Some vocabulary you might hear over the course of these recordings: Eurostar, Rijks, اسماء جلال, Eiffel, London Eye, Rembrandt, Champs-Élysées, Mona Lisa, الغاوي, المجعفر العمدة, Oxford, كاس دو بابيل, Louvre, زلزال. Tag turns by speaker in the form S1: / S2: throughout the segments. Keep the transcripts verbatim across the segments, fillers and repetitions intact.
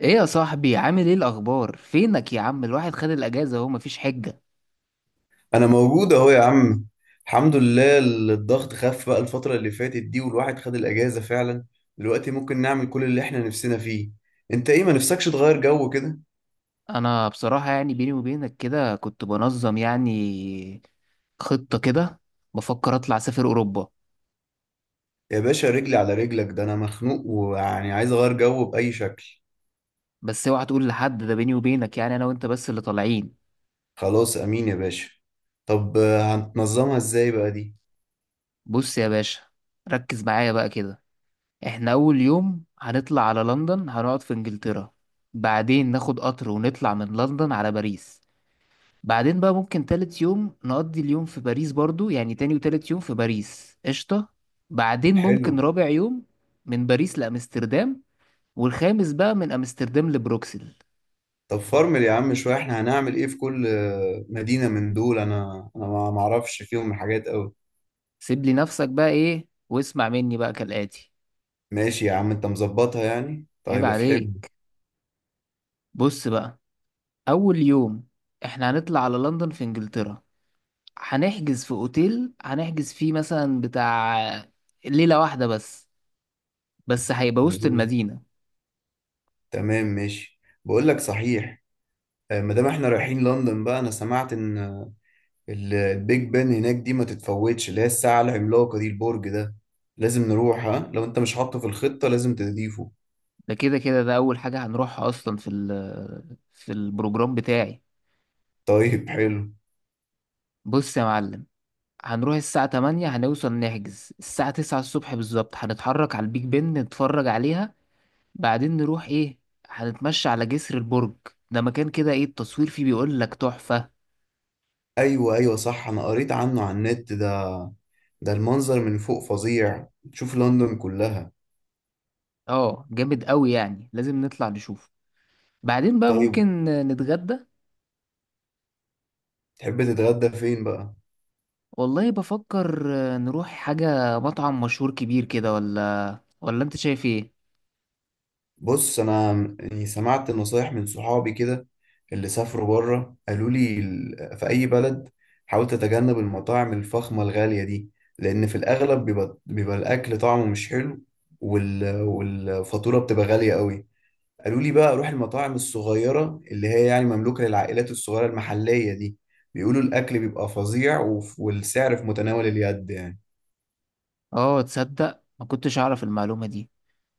S1: ايه يا صاحبي، عامل ايه؟ الاخبار، فينك يا عم؟ الواحد خد الاجازه اهو، مفيش حجه.
S2: انا موجود اهو يا عم. الحمد لله، الضغط خف بقى الفترة اللي فاتت دي والواحد خد الاجازة فعلا. دلوقتي ممكن نعمل كل اللي احنا نفسنا فيه. انت ايه، ما نفسكش تغير جو كده؟
S1: انا بصراحه يعني بيني وبينك كده كنت بنظم يعني خطه كده. بفكر اطلع اسافر اوروبا.
S2: يا باشا رجلي على رجلك، ده انا مخنوق ويعني عايز اغير جو بأي شكل.
S1: بس اوعى تقول لحد، ده بيني وبينك، يعني انا وانت بس اللي طالعين.
S2: خلاص امين يا باشا. طب آه، هنتنظمها ازاي بقى دي؟
S1: بص يا باشا، ركز معايا بقى كده. احنا اول يوم هنطلع على لندن، هنقعد في انجلترا. بعدين ناخد قطر ونطلع من لندن على باريس. بعدين بقى ممكن تالت يوم نقضي اليوم في باريس برضو، يعني تاني وتالت يوم في باريس قشطة. بعدين
S2: حلو.
S1: ممكن رابع يوم من باريس لأمستردام، والخامس بقى من أمستردام لبروكسل.
S2: طب فرمل يا عم شوية، احنا هنعمل ايه في كل آه، مدينة من دول؟ انا انا ما ما اعرفش فيهم حاجات قوي.
S1: سيب لي نفسك بقى إيه واسمع مني بقى كالآتي.
S2: ماشي يا عم، انت مظبطها يعني،
S1: عيب
S2: طيب افهمني.
S1: عليك. بص بقى، أول يوم إحنا هنطلع على لندن في إنجلترا. هنحجز في أوتيل، هنحجز فيه مثلا بتاع ليلة واحدة بس، بس هيبقى وسط المدينة.
S2: تمام ماشي، بقول لك صحيح. آه، ما دام احنا رايحين لندن بقى، انا سمعت ان آه، ال- البيج بان هناك دي ما تتفوتش، اللي هي الساعة العملاقة دي، البرج ده لازم نروح. ها، لو انت مش حاطه في الخطة لازم تضيفه.
S1: ده كده كده ده أول حاجة هنروحها أصلا في ال في البروجرام بتاعي.
S2: طيب حلو.
S1: بص يا معلم، هنروح الساعة تمانية هنوصل، نحجز الساعة تسعة الصبح بالظبط، هنتحرك على البيج بن نتفرج عليها. بعدين نروح إيه، هنتمشى على جسر البرج. ده مكان كده إيه، التصوير فيه بيقول لك تحفة.
S2: ايوه ايوه صح، انا قريت عنه على النت ده. ده المنظر من فوق فظيع، تشوف لندن كلها.
S1: آه جامد أوي، يعني لازم نطلع نشوف. بعدين بقى
S2: طيب،
S1: ممكن نتغدى.
S2: تحب تتغدى فين بقى؟
S1: والله بفكر نروح حاجة مطعم مشهور كبير كده، ولا ولا أنت شايف إيه؟
S2: بص انا يعني سمعت نصايح من صحابي كده، اللي سافروا بره قالوا لي ال- في اي بلد حاول تتجنب المطاعم الفخمه الغاليه دي، لان في الاغلب بيبقى بيبقى الاكل طعمه مش حلو، وال... والفاتوره بتبقى غاليه قوي. قالوا لي بقى روح المطاعم الصغيره اللي هي يعني مملوكه للعائلات الصغيره المحليه دي، بيقولوا الاكل بيبقى فظيع وف- والسعر في متناول اليد يعني.
S1: اه، تصدق ما كنتش اعرف المعلومة دي.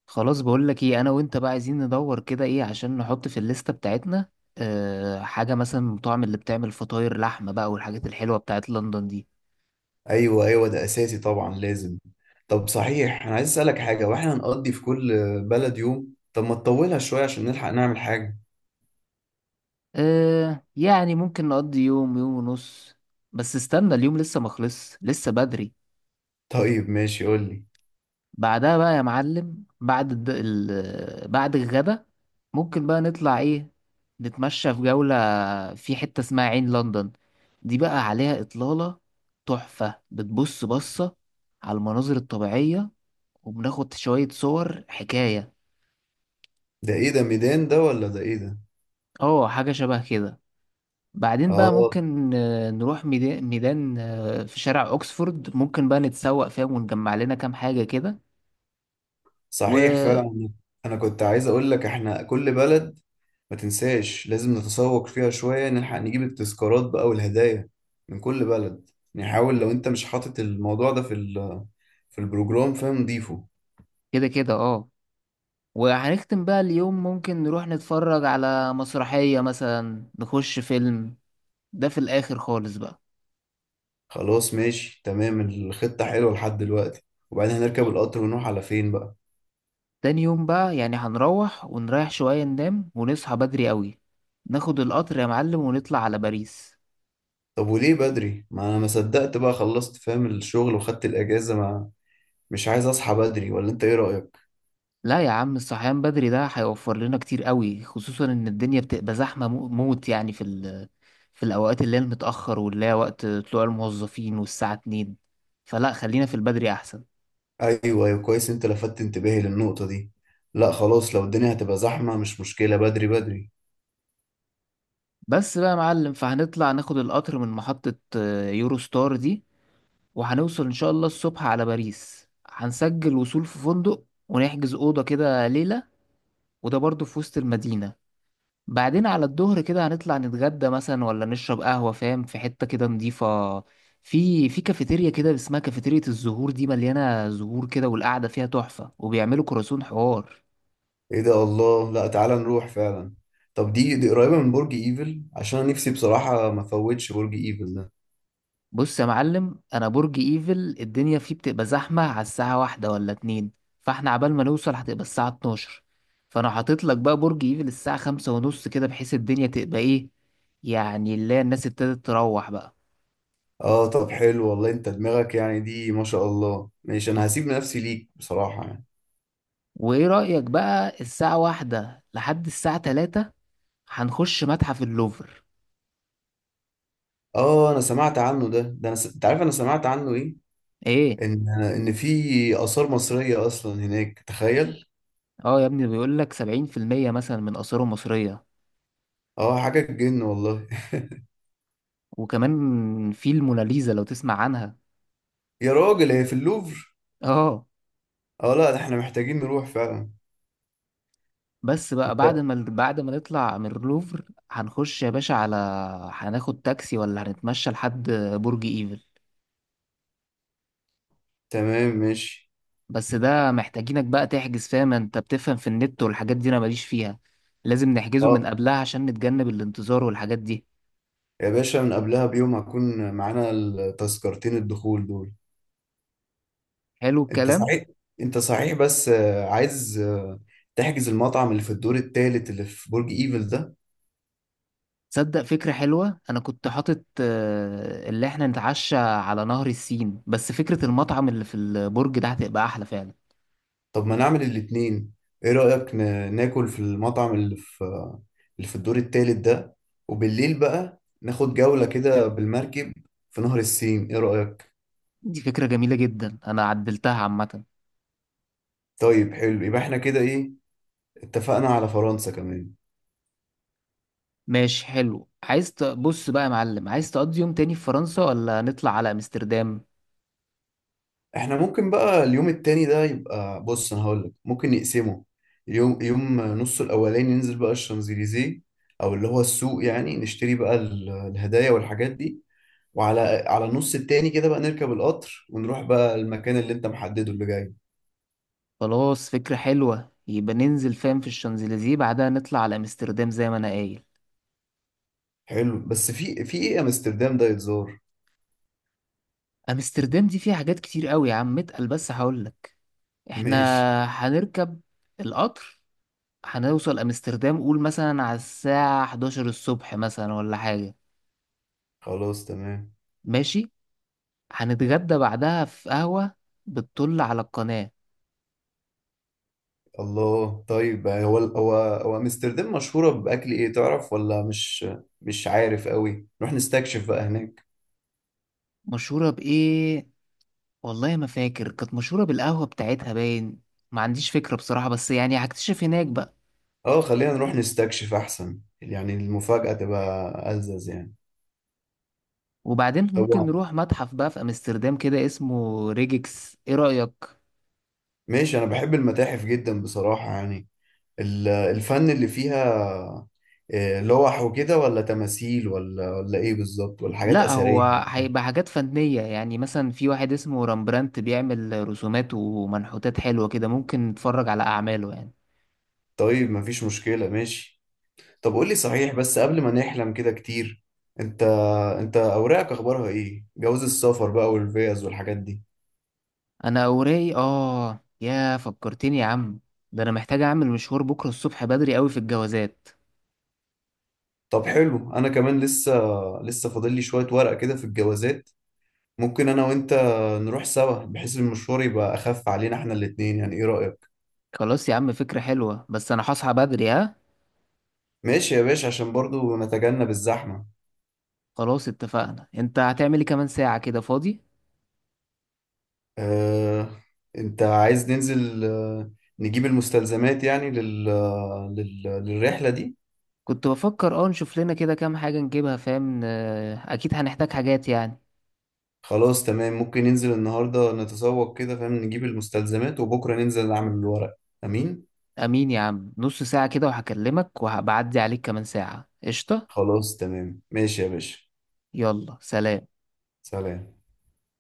S1: خلاص بقول لك ايه، انا وانت بقى عايزين ندور كده ايه عشان نحط في الليستة بتاعتنا. أه حاجة مثلا من المطاعم اللي بتعمل فطاير لحمة بقى والحاجات الحلوة بتاعت لندن دي.
S2: ايوه ايوه ده اساسي طبعا لازم. طب صحيح، انا عايز اسالك حاجه. واحنا هنقضي في كل بلد يوم، طب ما تطولها شويه عشان نلحق نعمل حاجه.
S1: أه يعني ممكن نقضي يوم يوم ونص، بس استنى اليوم لسه ما خلص لسه بدري.
S2: طيب ماشي، قول لي.
S1: بعدها بقى يا معلم، بعد الد... ال... بعد الغدا ممكن بقى نطلع ايه، نتمشى في جولة في حتة اسمها عين لندن. دي بقى عليها إطلالة تحفة، بتبص بصة على المناظر الطبيعية وبناخد شوية صور حكاية.
S2: ده ايه ده، ميدان ده ولا ده ايه ده؟
S1: اه حاجة شبه كده. بعدين بقى
S2: اه
S1: ممكن آه، نروح ميدا- ميدان آه، في شارع أوكسفورد، ممكن بقى نتسوق فيها ونجمع لنا كام حاجة كده
S2: صحيح
S1: وكده.
S2: فعلا. انا كنت عايز اقول لك احنا كل بلد ما تنساش لازم نتسوق فيها شويه، نلحق نجيب التذكارات بقى والهدايا من كل بلد. نحاول لو انت مش حاطط الموضوع ده في ال في البروجرام فاهم نضيفه.
S1: كده اه. وهنختم بقى اليوم ممكن نروح نتفرج على مسرحية مثلا، نخش فيلم ده في الآخر خالص بقى.
S2: خلاص ماشي تمام، الخطة حلوة لحد دلوقتي. وبعدين هنركب القطر ونروح على فين بقى؟
S1: تاني يوم بقى يعني هنروح ونريح شوية، ننام ونصحى بدري قوي، ناخد القطر يا معلم ونطلع على باريس.
S2: طب وليه بدري؟ ما انا ما صدقت بقى خلصت فاهم الشغل وخدت الاجازة، ما مش عايز اصحى بدري، ولا انت ايه رأيك؟
S1: لا يا عم، الصحيان بدري ده هيوفر لنا كتير قوي، خصوصا ان الدنيا بتبقى زحمة مو- موت يعني في ال في الأوقات اللي هي المتأخر، واللي هي وقت طلوع الموظفين والساعة اتنين، فلا خلينا في البدري أحسن.
S2: ايوه ايوه كويس، انت لفتت انتباهي للنقطة دي. لا خلاص، لو الدنيا هتبقى زحمة مش مشكلة، بدري بدري.
S1: بس بقى يا معلم، فهنطلع ناخد القطر من محطة آه، يورو ستار دي، وهنوصل إن شاء الله الصبح على باريس، هنسجل وصول في فندق ونحجز أوضة كده ليلة، وده برضه في وسط المدينة. بعدين على الظهر كده هنطلع نتغدى مثلا ولا نشرب قهوة فاهم، في حتة كده نضيفة، في في كافيتيريا كده اسمها كافيتيريا الزهور، دي مليانة زهور كده والقعدة فيها تحفة، وبيعملوا كراسون حوار.
S2: ايه ده، الله، لا تعالى نروح فعلا. طب دي دي قريبة من برج ايفل؟ عشان أنا نفسي بصراحة ما فوتش برج ايفل ده.
S1: بص يا معلم، انا برج ايفل الدنيا فيه بتبقى زحمه على الساعه واحدة ولا اتنين، فاحنا عبال ما نوصل هتبقى الساعه اتناشر، فانا حاطط لك بقى برج ايفل الساعه خمسة ونص كده، بحيث الدنيا تبقى ايه، يعني اللي هي الناس ابتدت تروح بقى.
S2: اه طب حلو والله، انت دماغك يعني دي ما شاء الله. ماشي، انا هسيب نفسي ليك بصراحة يعني.
S1: وايه رايك بقى الساعه واحدة لحد الساعه تلاتة هنخش متحف اللوفر.
S2: اه انا سمعت عنه ده. ده انا س... انت عارف انا سمعت عنه ايه؟
S1: ايه.
S2: ان ان في آثار مصرية اصلا هناك، تخيل.
S1: اه، يا ابني بيقول لك سبعين في المية مثلا من اثاره مصريه.
S2: اه حاجة تجن والله.
S1: وكمان في الموناليزا لو تسمع عنها.
S2: يا راجل، هي في اللوفر؟
S1: اه.
S2: اه لا ده احنا محتاجين نروح فعلا.
S1: بس بقى، بعد
S2: انت
S1: ما بعد ما نطلع من اللوفر هنخش يا باشا على، هناخد تاكسي ولا هنتمشى لحد برج ايفل.
S2: تمام ماشي.
S1: بس ده محتاجينك بقى تحجز، فاهم، انت بتفهم في النت والحاجات دي انا ماليش فيها، لازم نحجزه من
S2: اه
S1: قبلها عشان نتجنب الانتظار والحاجات دي.
S2: يا باشا، من قبلها بيوم هكون معانا التذكرتين الدخول دول.
S1: حلو
S2: انت
S1: الكلام.
S2: صحيح. انت صحيح بس آه، عايز آه، تحجز المطعم اللي في الدور التالت اللي في برج ايفل ده.
S1: تصدق فكرة حلوة، انا كنت حاطط آه، اللي احنا نتعشى على نهر السين، بس فكرة المطعم اللي في البرج ده هتبقى احلى فعلا.
S2: طب ما نعمل الاتنين، ايه رأيك؟ ن- ناكل في المطعم اللي في آه، اللي في الدور التالت ده، وبالليل بقى ناخد جولة كده بالمركب في نهر السين، ايه رأيك؟
S1: دي فكرة جميلة جدا، انا عدلتها عامة.
S2: طيب حلو، يبقى احنا كده ايه، اتفقنا على فرنسا كمان.
S1: ماشي حلو، عايز تبص بقى يا معلم، عايز تقضي يوم تاني في فرنسا ولا نطلع على امستردام؟
S2: احنا ممكن بقى اليوم التاني ده يبقى، بص انا هقولك ممكن نقسمه يوم. يوم نصه الاولاني ننزل بقى الشانزليزيه، او اللي هو السوق يعني، نشتري بقى ال- الهدايا والحاجات دي، وعلى على النص التاني كده بقى نركب القطر ونروح بقى المكان اللي انت محدده اللي جاي.
S1: خلاص فكرة حلوة، يبقى ننزل فاهم في الشانزليزيه بعدها نطلع على امستردام زي ما انا قايل.
S2: حلو، بس في في ايه امستردام ده يتزار؟
S1: امستردام دي فيها حاجات كتير قوي يا عم اتقل، بس هقولك. احنا
S2: ماشي.
S1: هنركب القطر، هنوصل امستردام قول مثلا على الساعة حداشر الصبح مثلا، ولا حاجة.
S2: خلاص تمام.
S1: ماشي. هنتغدى بعدها في قهوة بتطل على القناة.
S2: الله، طيب، هو هو هو امستردام مشهورة بأكل ايه، تعرف ولا مش مش عارف قوي؟ نروح نستكشف بقى هناك.
S1: مشهورة بإيه؟ والله ما فاكر، كانت مشهورة بالقهوة بتاعتها باين، ما عنديش فكرة بصراحة بس يعني هكتشف هناك بقى.
S2: اه خلينا نروح نستكشف احسن، يعني المفاجأة تبقى ألذذ يعني.
S1: وبعدين ممكن
S2: طبعا
S1: نروح متحف بقى في أمستردام كده اسمه ريجكس، ايه رأيك؟
S2: ماشي، انا بحب المتاحف جدا بصراحة يعني. ال- الفن اللي فيها، آه، لوح وكده، ولا تماثيل، ولا ولا ايه بالظبط، ولا حاجات
S1: لا
S2: أثرية
S1: هو
S2: ولا إيه؟
S1: هيبقى حاجات فنية، يعني مثلا في واحد اسمه رامبرانت بيعمل رسومات ومنحوتات حلوة كده، ممكن نتفرج على أعماله يعني.
S2: طيب مفيش مشكلة ماشي. طب قول لي صحيح، بس قبل ما نحلم كده كتير. انت انت اوراقك اخبارها ايه؟ جواز السفر بقى والفيز والحاجات دي.
S1: أنا أوراي، آه يا فكرتني يا عم، ده أنا محتاج أعمل مشوار بكرة الصبح بدري أوي في الجوازات.
S2: طب حلو، انا كمان لسه لسه فاضل لي شوية ورق كده في الجوازات. ممكن انا وانت نروح سوا بحيث المشوار يبقى اخف علينا احنا الاتنين يعني، ايه رأيك؟
S1: خلاص يا عم، فكرة حلوة، بس أنا هصحى بدري ها.
S2: ماشي يا باشا، عشان برضو نتجنب الزحمة.
S1: خلاص اتفقنا، انت هتعمل ايه كمان ساعة كده فاضي؟
S2: اه انت عايز ننزل آه، نجيب المستلزمات يعني لل... لل... للرحلة دي؟
S1: كنت بفكر اه نشوف لنا كده كام حاجة نجيبها فاهم ن- اكيد هنحتاج حاجات يعني.
S2: خلاص تمام، ممكن ننزل النهاردة نتسوق كده فاهم، نجيب المستلزمات وبكرة ننزل نعمل الورق. امين.
S1: امين يا عم، نص ساعة كده وهكلمك، وهبعدي عليك كمان ساعة قشطة.
S2: خلاص تمام ماشي يا باشا.
S1: يلا سلام.
S2: سلام.